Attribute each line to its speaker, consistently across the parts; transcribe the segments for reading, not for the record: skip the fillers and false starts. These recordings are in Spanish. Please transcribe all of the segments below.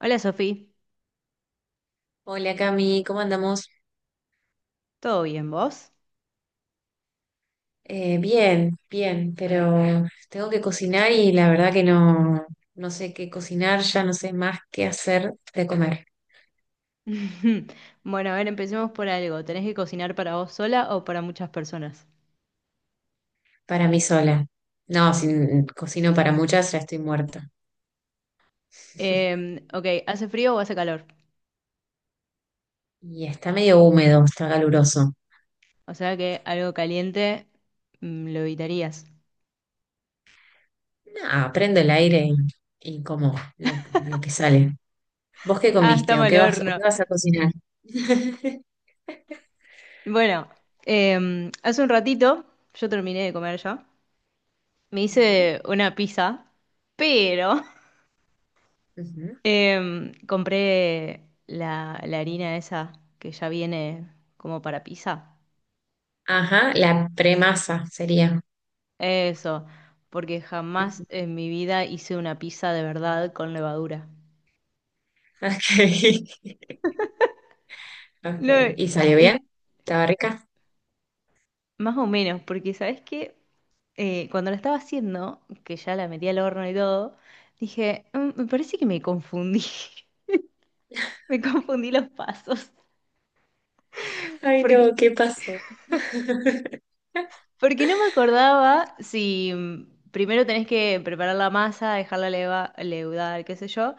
Speaker 1: Hola Sofía,
Speaker 2: Hola Cami, ¿cómo andamos?
Speaker 1: ¿todo bien vos?
Speaker 2: Bien, bien, pero tengo que cocinar y la verdad que no sé qué cocinar, ya no sé más qué hacer de comer
Speaker 1: Bueno, a ver, empecemos por algo. ¿Tenés que cocinar para vos sola o para muchas personas?
Speaker 2: para mí sola. No, si n- cocino para muchas ya estoy muerta.
Speaker 1: Ok, ¿hace frío o hace calor?
Speaker 2: Y está medio húmedo, está caluroso.
Speaker 1: O sea que algo caliente lo evitarías.
Speaker 2: Nada, prendo el aire y como lo que sale. ¿Vos qué
Speaker 1: Ah,
Speaker 2: comiste
Speaker 1: estamos
Speaker 2: o
Speaker 1: al
Speaker 2: qué
Speaker 1: horno.
Speaker 2: vas a cocinar?
Speaker 1: Bueno, hace un ratito yo terminé de comer ya. Me
Speaker 2: Ujú,
Speaker 1: hice una pizza, pero
Speaker 2: ujú.
Speaker 1: compré la harina esa que ya viene como para pizza.
Speaker 2: Ajá, la premasa sería.
Speaker 1: Eso, porque jamás
Speaker 2: Ujú.
Speaker 1: en mi vida hice una pizza de verdad con levadura.
Speaker 2: Ok. Ok.
Speaker 1: No,
Speaker 2: ¿Y salió
Speaker 1: y
Speaker 2: bien? ¿Estaba rica?
Speaker 1: más o menos, porque ¿sabes qué? Cuando la estaba haciendo, que ya la metí al horno y todo, dije, Me parece que me confundí, me confundí los pasos,
Speaker 2: Ay,
Speaker 1: porque,
Speaker 2: no, ¿qué pasó?
Speaker 1: porque no me acordaba si primero tenés que preparar la masa, dejarla leva, leudar, qué sé yo,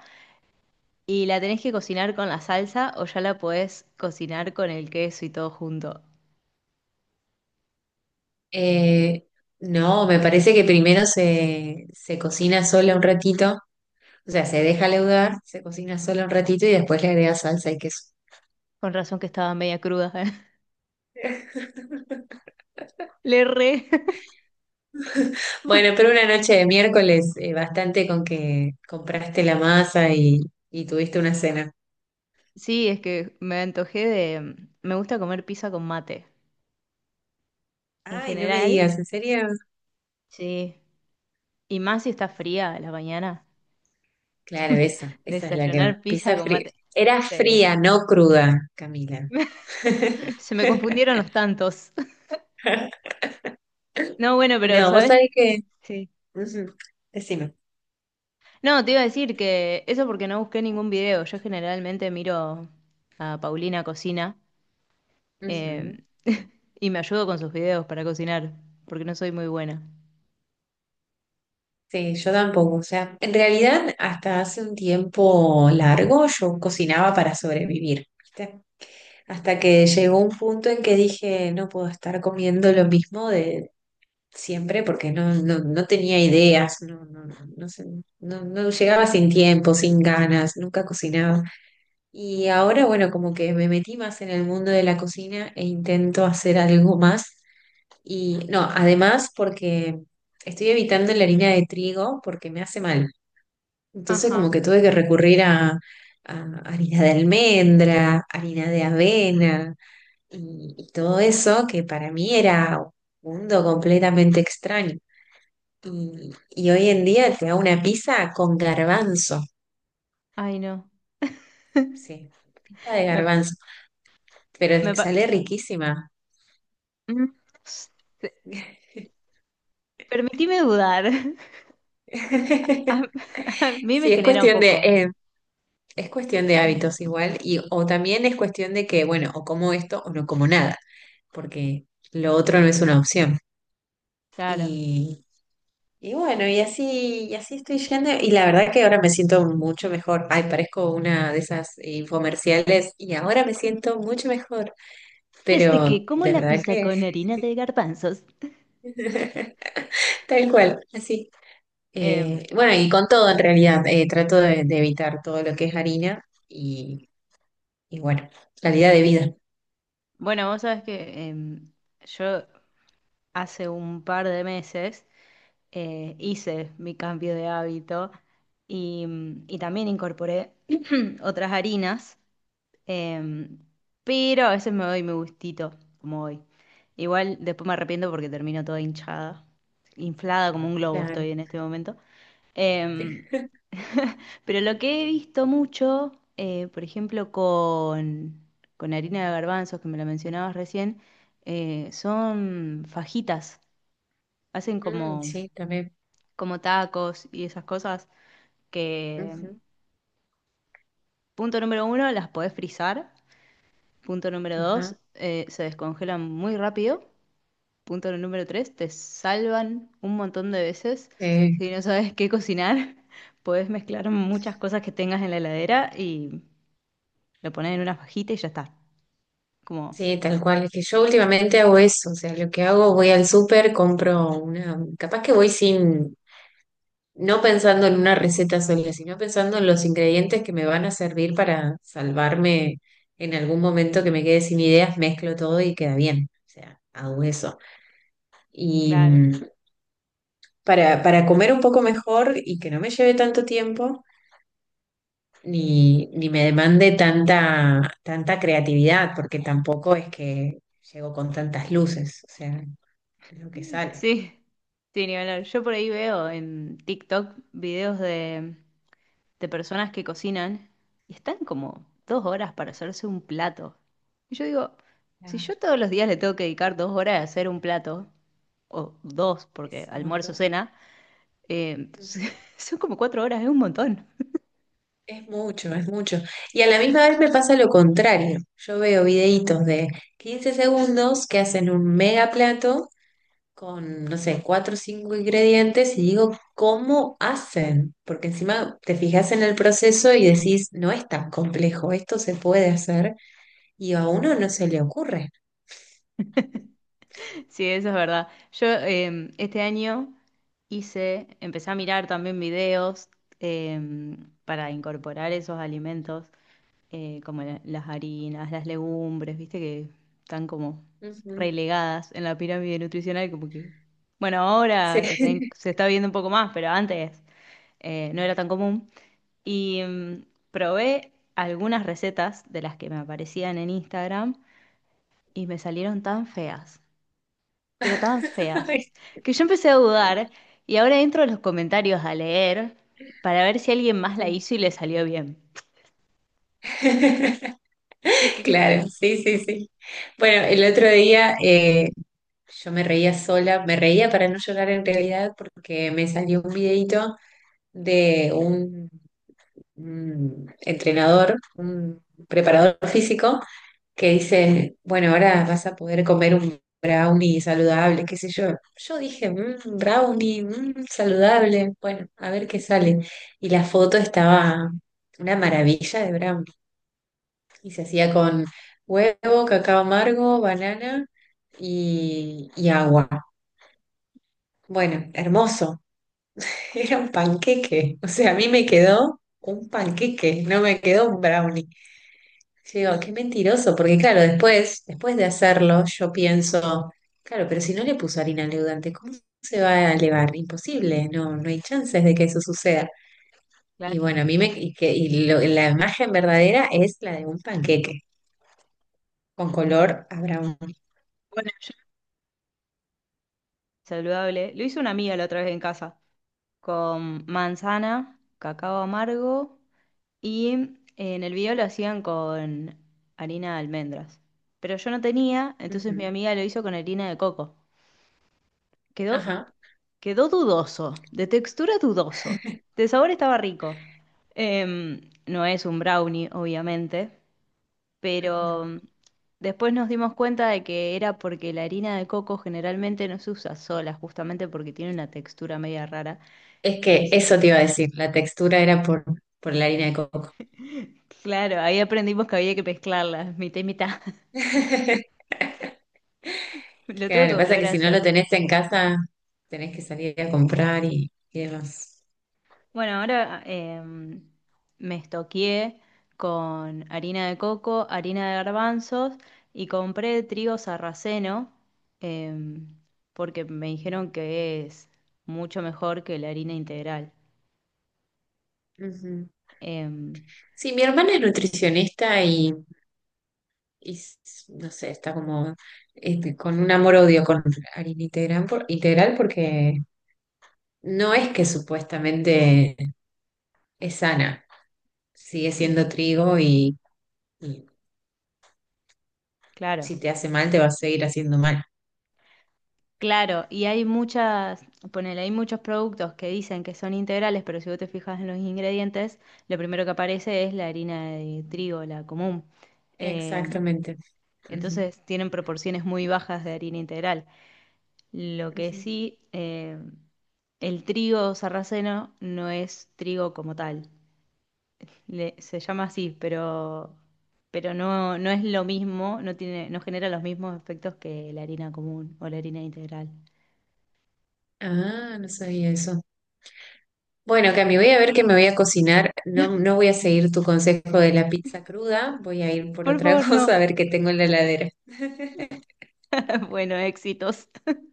Speaker 1: y la tenés que cocinar con la salsa o ya la podés cocinar con el queso y todo junto.
Speaker 2: Eh, no, me parece que primero se cocina sola un ratito, o sea, se deja leudar, se cocina sola un ratito y después le agrega salsa y queso.
Speaker 1: Con razón que estaba media cruda. Le re.
Speaker 2: Bueno, pero una noche de miércoles, bastante con que compraste la masa y tuviste una cena.
Speaker 1: Sí, es que me antojé. Me gusta comer pizza con mate. En
Speaker 2: Ay, no me
Speaker 1: general,
Speaker 2: digas, ¿en serio?
Speaker 1: sí. Y más si está fría a la mañana.
Speaker 2: Claro, esa es la que va.
Speaker 1: Desayunar pizza
Speaker 2: Pizza
Speaker 1: con
Speaker 2: fría.
Speaker 1: mate.
Speaker 2: Era
Speaker 1: Sí.
Speaker 2: fría, no cruda, Camila.
Speaker 1: Se me confundieron los tantos. No, bueno, pero
Speaker 2: No, vos
Speaker 1: ¿sabes?
Speaker 2: sabés que...
Speaker 1: Sí.
Speaker 2: Ujú, decime.
Speaker 1: No, te iba a decir que eso porque no busqué ningún video. Yo generalmente miro a Paulina Cocina
Speaker 2: Ujú.
Speaker 1: eh, y me ayudo con sus videos para cocinar, porque no soy muy buena.
Speaker 2: Sí, yo tampoco. O sea, en realidad hasta hace un tiempo largo yo cocinaba para sobrevivir, ¿viste? Hasta que llegó un punto en que dije, no puedo estar comiendo lo mismo de siempre porque no tenía ideas, no sé, no llegaba sin tiempo, sin ganas, nunca cocinaba. Y ahora, bueno, como que me metí más en el mundo de la cocina e intento hacer algo más. Y no, además porque estoy evitando la harina de trigo porque me hace mal. Entonces como
Speaker 1: Ajá.
Speaker 2: que tuve que recurrir a harina de almendra, harina de avena y todo eso que para mí era un mundo completamente extraño. Y hoy en día te hago una pizza con garbanzo.
Speaker 1: Ay, no.
Speaker 2: Sí, pizza de
Speaker 1: Me,
Speaker 2: garbanzo, pero
Speaker 1: me pa-
Speaker 2: sale riquísima.
Speaker 1: no sé. Permitime dudar. A, a mí me
Speaker 2: Sí, es
Speaker 1: genera un
Speaker 2: cuestión de,
Speaker 1: poco.
Speaker 2: es cuestión de
Speaker 1: Mm,
Speaker 2: hábitos igual, y o también es cuestión de que, bueno, o como esto o no como nada, porque lo otro no es una opción.
Speaker 1: claro.
Speaker 2: Y, y bueno, y así estoy yendo, y la verdad que ahora me siento mucho mejor. Ay, parezco una de esas infomerciales, y ahora me siento mucho mejor,
Speaker 1: Desde
Speaker 2: pero
Speaker 1: que como
Speaker 2: de
Speaker 1: la
Speaker 2: verdad
Speaker 1: pizza
Speaker 2: que
Speaker 1: con harina de garbanzos.
Speaker 2: tal cual, así.
Speaker 1: Eh,
Speaker 2: Bueno, y con todo en realidad, trato de evitar todo lo que es harina y bueno, calidad de vida.
Speaker 1: bueno, vos sabés que yo hace un par de meses hice mi cambio de hábito y también incorporé otras harinas. Em, pero a veces me doy mi gustito, como hoy. Igual después me arrepiento porque termino toda hinchada, inflada como un globo
Speaker 2: Claro.
Speaker 1: estoy en este momento. Em, pero lo que he visto mucho, por ejemplo, con harina de garbanzos, que me la mencionabas recién, son fajitas. Hacen
Speaker 2: Mm,
Speaker 1: como,
Speaker 2: sí, también.
Speaker 1: como tacos y esas cosas que,
Speaker 2: Ujú,
Speaker 1: punto número uno, las podés frizar. Punto número dos,
Speaker 2: ajá.
Speaker 1: se descongelan muy rápido. Punto número tres, te salvan un montón de veces.
Speaker 2: Sí,
Speaker 1: Si no sabes qué cocinar, podés mezclar muchas cosas que tengas en la heladera y lo pones en una fajita y ya está. Como,
Speaker 2: sí, tal cual. Es que yo últimamente hago eso. O sea, lo que hago, voy al súper, compro una. Capaz que voy sin. No pensando en una receta sola, sino pensando en los ingredientes que me van a servir para salvarme en algún momento que me quede sin ideas, mezclo todo y queda bien. O sea, hago eso. Y
Speaker 1: claro.
Speaker 2: para comer un poco mejor y que no me lleve tanto tiempo. Ni me demande tanta creatividad, porque tampoco es que llego con tantas luces, o sea, es lo que sale.
Speaker 1: Sí, sí, ni hablar. Yo por ahí veo en TikTok videos de personas que cocinan y están como 2 horas para hacerse un plato. Y yo digo, si
Speaker 2: Claro,
Speaker 1: yo todos los días le tengo que dedicar 2 horas a hacer un plato, o dos, porque
Speaker 2: es un
Speaker 1: almuerzo,
Speaker 2: montón.
Speaker 1: cena. Eh,
Speaker 2: Ujú.
Speaker 1: Son como 4 horas, es un montón.
Speaker 2: Es mucho, es mucho. Y a la misma vez me pasa lo contrario. Yo veo videitos de 15 segundos que hacen un mega plato con, no sé, cuatro o cinco ingredientes y digo, ¿cómo hacen? Porque encima te fijas en el proceso y decís, no es tan complejo, esto se puede hacer y a uno no se le ocurre.
Speaker 1: Sí, eso es verdad. Yo este año empecé a mirar también videos eh, para incorporar esos alimentos, como las harinas, las legumbres, viste que están como
Speaker 2: Ujú.
Speaker 1: relegadas en la pirámide nutricional, como que, bueno, ahora se está,
Speaker 2: Sí.
Speaker 1: se está viendo un poco más, pero antes no era tan común. Y mm, probé algunas recetas de las que me aparecían en Instagram y me salieron tan feas, pero tan feas,
Speaker 2: Ay,
Speaker 1: que yo empecé a dudar y ahora entro a los comentarios a leer para ver si alguien más la
Speaker 2: sí.
Speaker 1: hizo y le salió bien. Es que,
Speaker 2: Claro, sí, sí, sí. Bueno, el otro día yo me reía sola, me reía para no llorar en realidad porque me salió un videito de un entrenador, un preparador físico que dicen, bueno, ahora vas a poder comer un brownie saludable, qué sé yo. Yo dije, "Mm, brownie, mm, saludable, bueno, a ver qué sale". Y la foto estaba una maravilla de brownie. Y se hacía con huevo, cacao amargo, banana y agua. Bueno, hermoso. Era un panqueque. O sea, a mí me quedó un panqueque, no me quedó un brownie. Sí, digo, qué mentiroso, porque claro, después de hacerlo, yo pienso, claro, pero si no le puso harina al leudante, ¿cómo se va a elevar? Imposible, no, no hay chances de que eso suceda. Y
Speaker 1: claro,
Speaker 2: bueno, a mí me, la imagen verdadera es la de un panqueque, con color a brown.
Speaker 1: bueno, saludable. Lo hizo una amiga la otra vez en casa, con manzana, cacao amargo y en el video lo hacían con harina de almendras. Pero yo no tenía, entonces mi
Speaker 2: Ujú.
Speaker 1: amiga lo hizo con harina de coco. Quedó
Speaker 2: Ajá.
Speaker 1: Quedó dudoso, de textura dudoso. De sabor estaba rico. Em, no es un brownie, obviamente, pero
Speaker 2: Ajá.
Speaker 1: después nos dimos cuenta de que era porque la harina de coco generalmente no se usa sola, justamente porque tiene una textura media rara.
Speaker 2: Es
Speaker 1: Y
Speaker 2: que
Speaker 1: s-
Speaker 2: eso te iba a decir, la textura era por la harina de coco.
Speaker 1: claro, ahí aprendimos que había que mezclarla, mitad y mitad. Lo tengo que
Speaker 2: Claro, pasa
Speaker 1: volver
Speaker 2: que
Speaker 1: a
Speaker 2: si no lo
Speaker 1: hacer.
Speaker 2: tenés en casa, tenés que salir a comprar y demás.
Speaker 1: Bueno, ahora me estoqueé con harina de coco, harina de garbanzos y compré trigo sarraceno em, porque me dijeron que es mucho mejor que la harina integral.
Speaker 2: Ujú.
Speaker 1: Em,
Speaker 2: Sí, mi hermana es nutricionista y s- no sé, está como este, con un amor-odio con harina integral porque no es que supuestamente es sana, sigue
Speaker 1: n-
Speaker 2: siendo trigo y
Speaker 1: claro,
Speaker 2: si te hace mal te va a seguir haciendo mal.
Speaker 1: claro, y hay muchas, ponele, hay muchos productos que dicen que son integrales, pero si vos te fijas en los ingredientes, lo primero que aparece es la harina de trigo, la común. Em,
Speaker 2: Exactamente. Ujú,
Speaker 1: Entonces tienen proporciones muy bajas de harina integral. Lo que
Speaker 2: ujú.
Speaker 1: sí, el trigo sarraceno no es trigo como tal. Se llama así, pero no es lo mismo, no tiene, no genera los mismos efectos que la harina común o la harina integral.
Speaker 2: Ah, no sabía eso. Bueno, Cami, voy a ver qué me voy a cocinar. No, no voy a seguir tu consejo de la pizza cruda, voy a ir por
Speaker 1: Por
Speaker 2: otra
Speaker 1: favor, no.
Speaker 2: cosa a ver qué tengo en la heladera.
Speaker 1: Bueno, éxitos.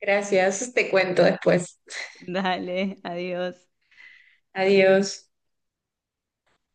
Speaker 2: Gracias, te cuento después.
Speaker 1: Dale, adiós.
Speaker 2: Adiós.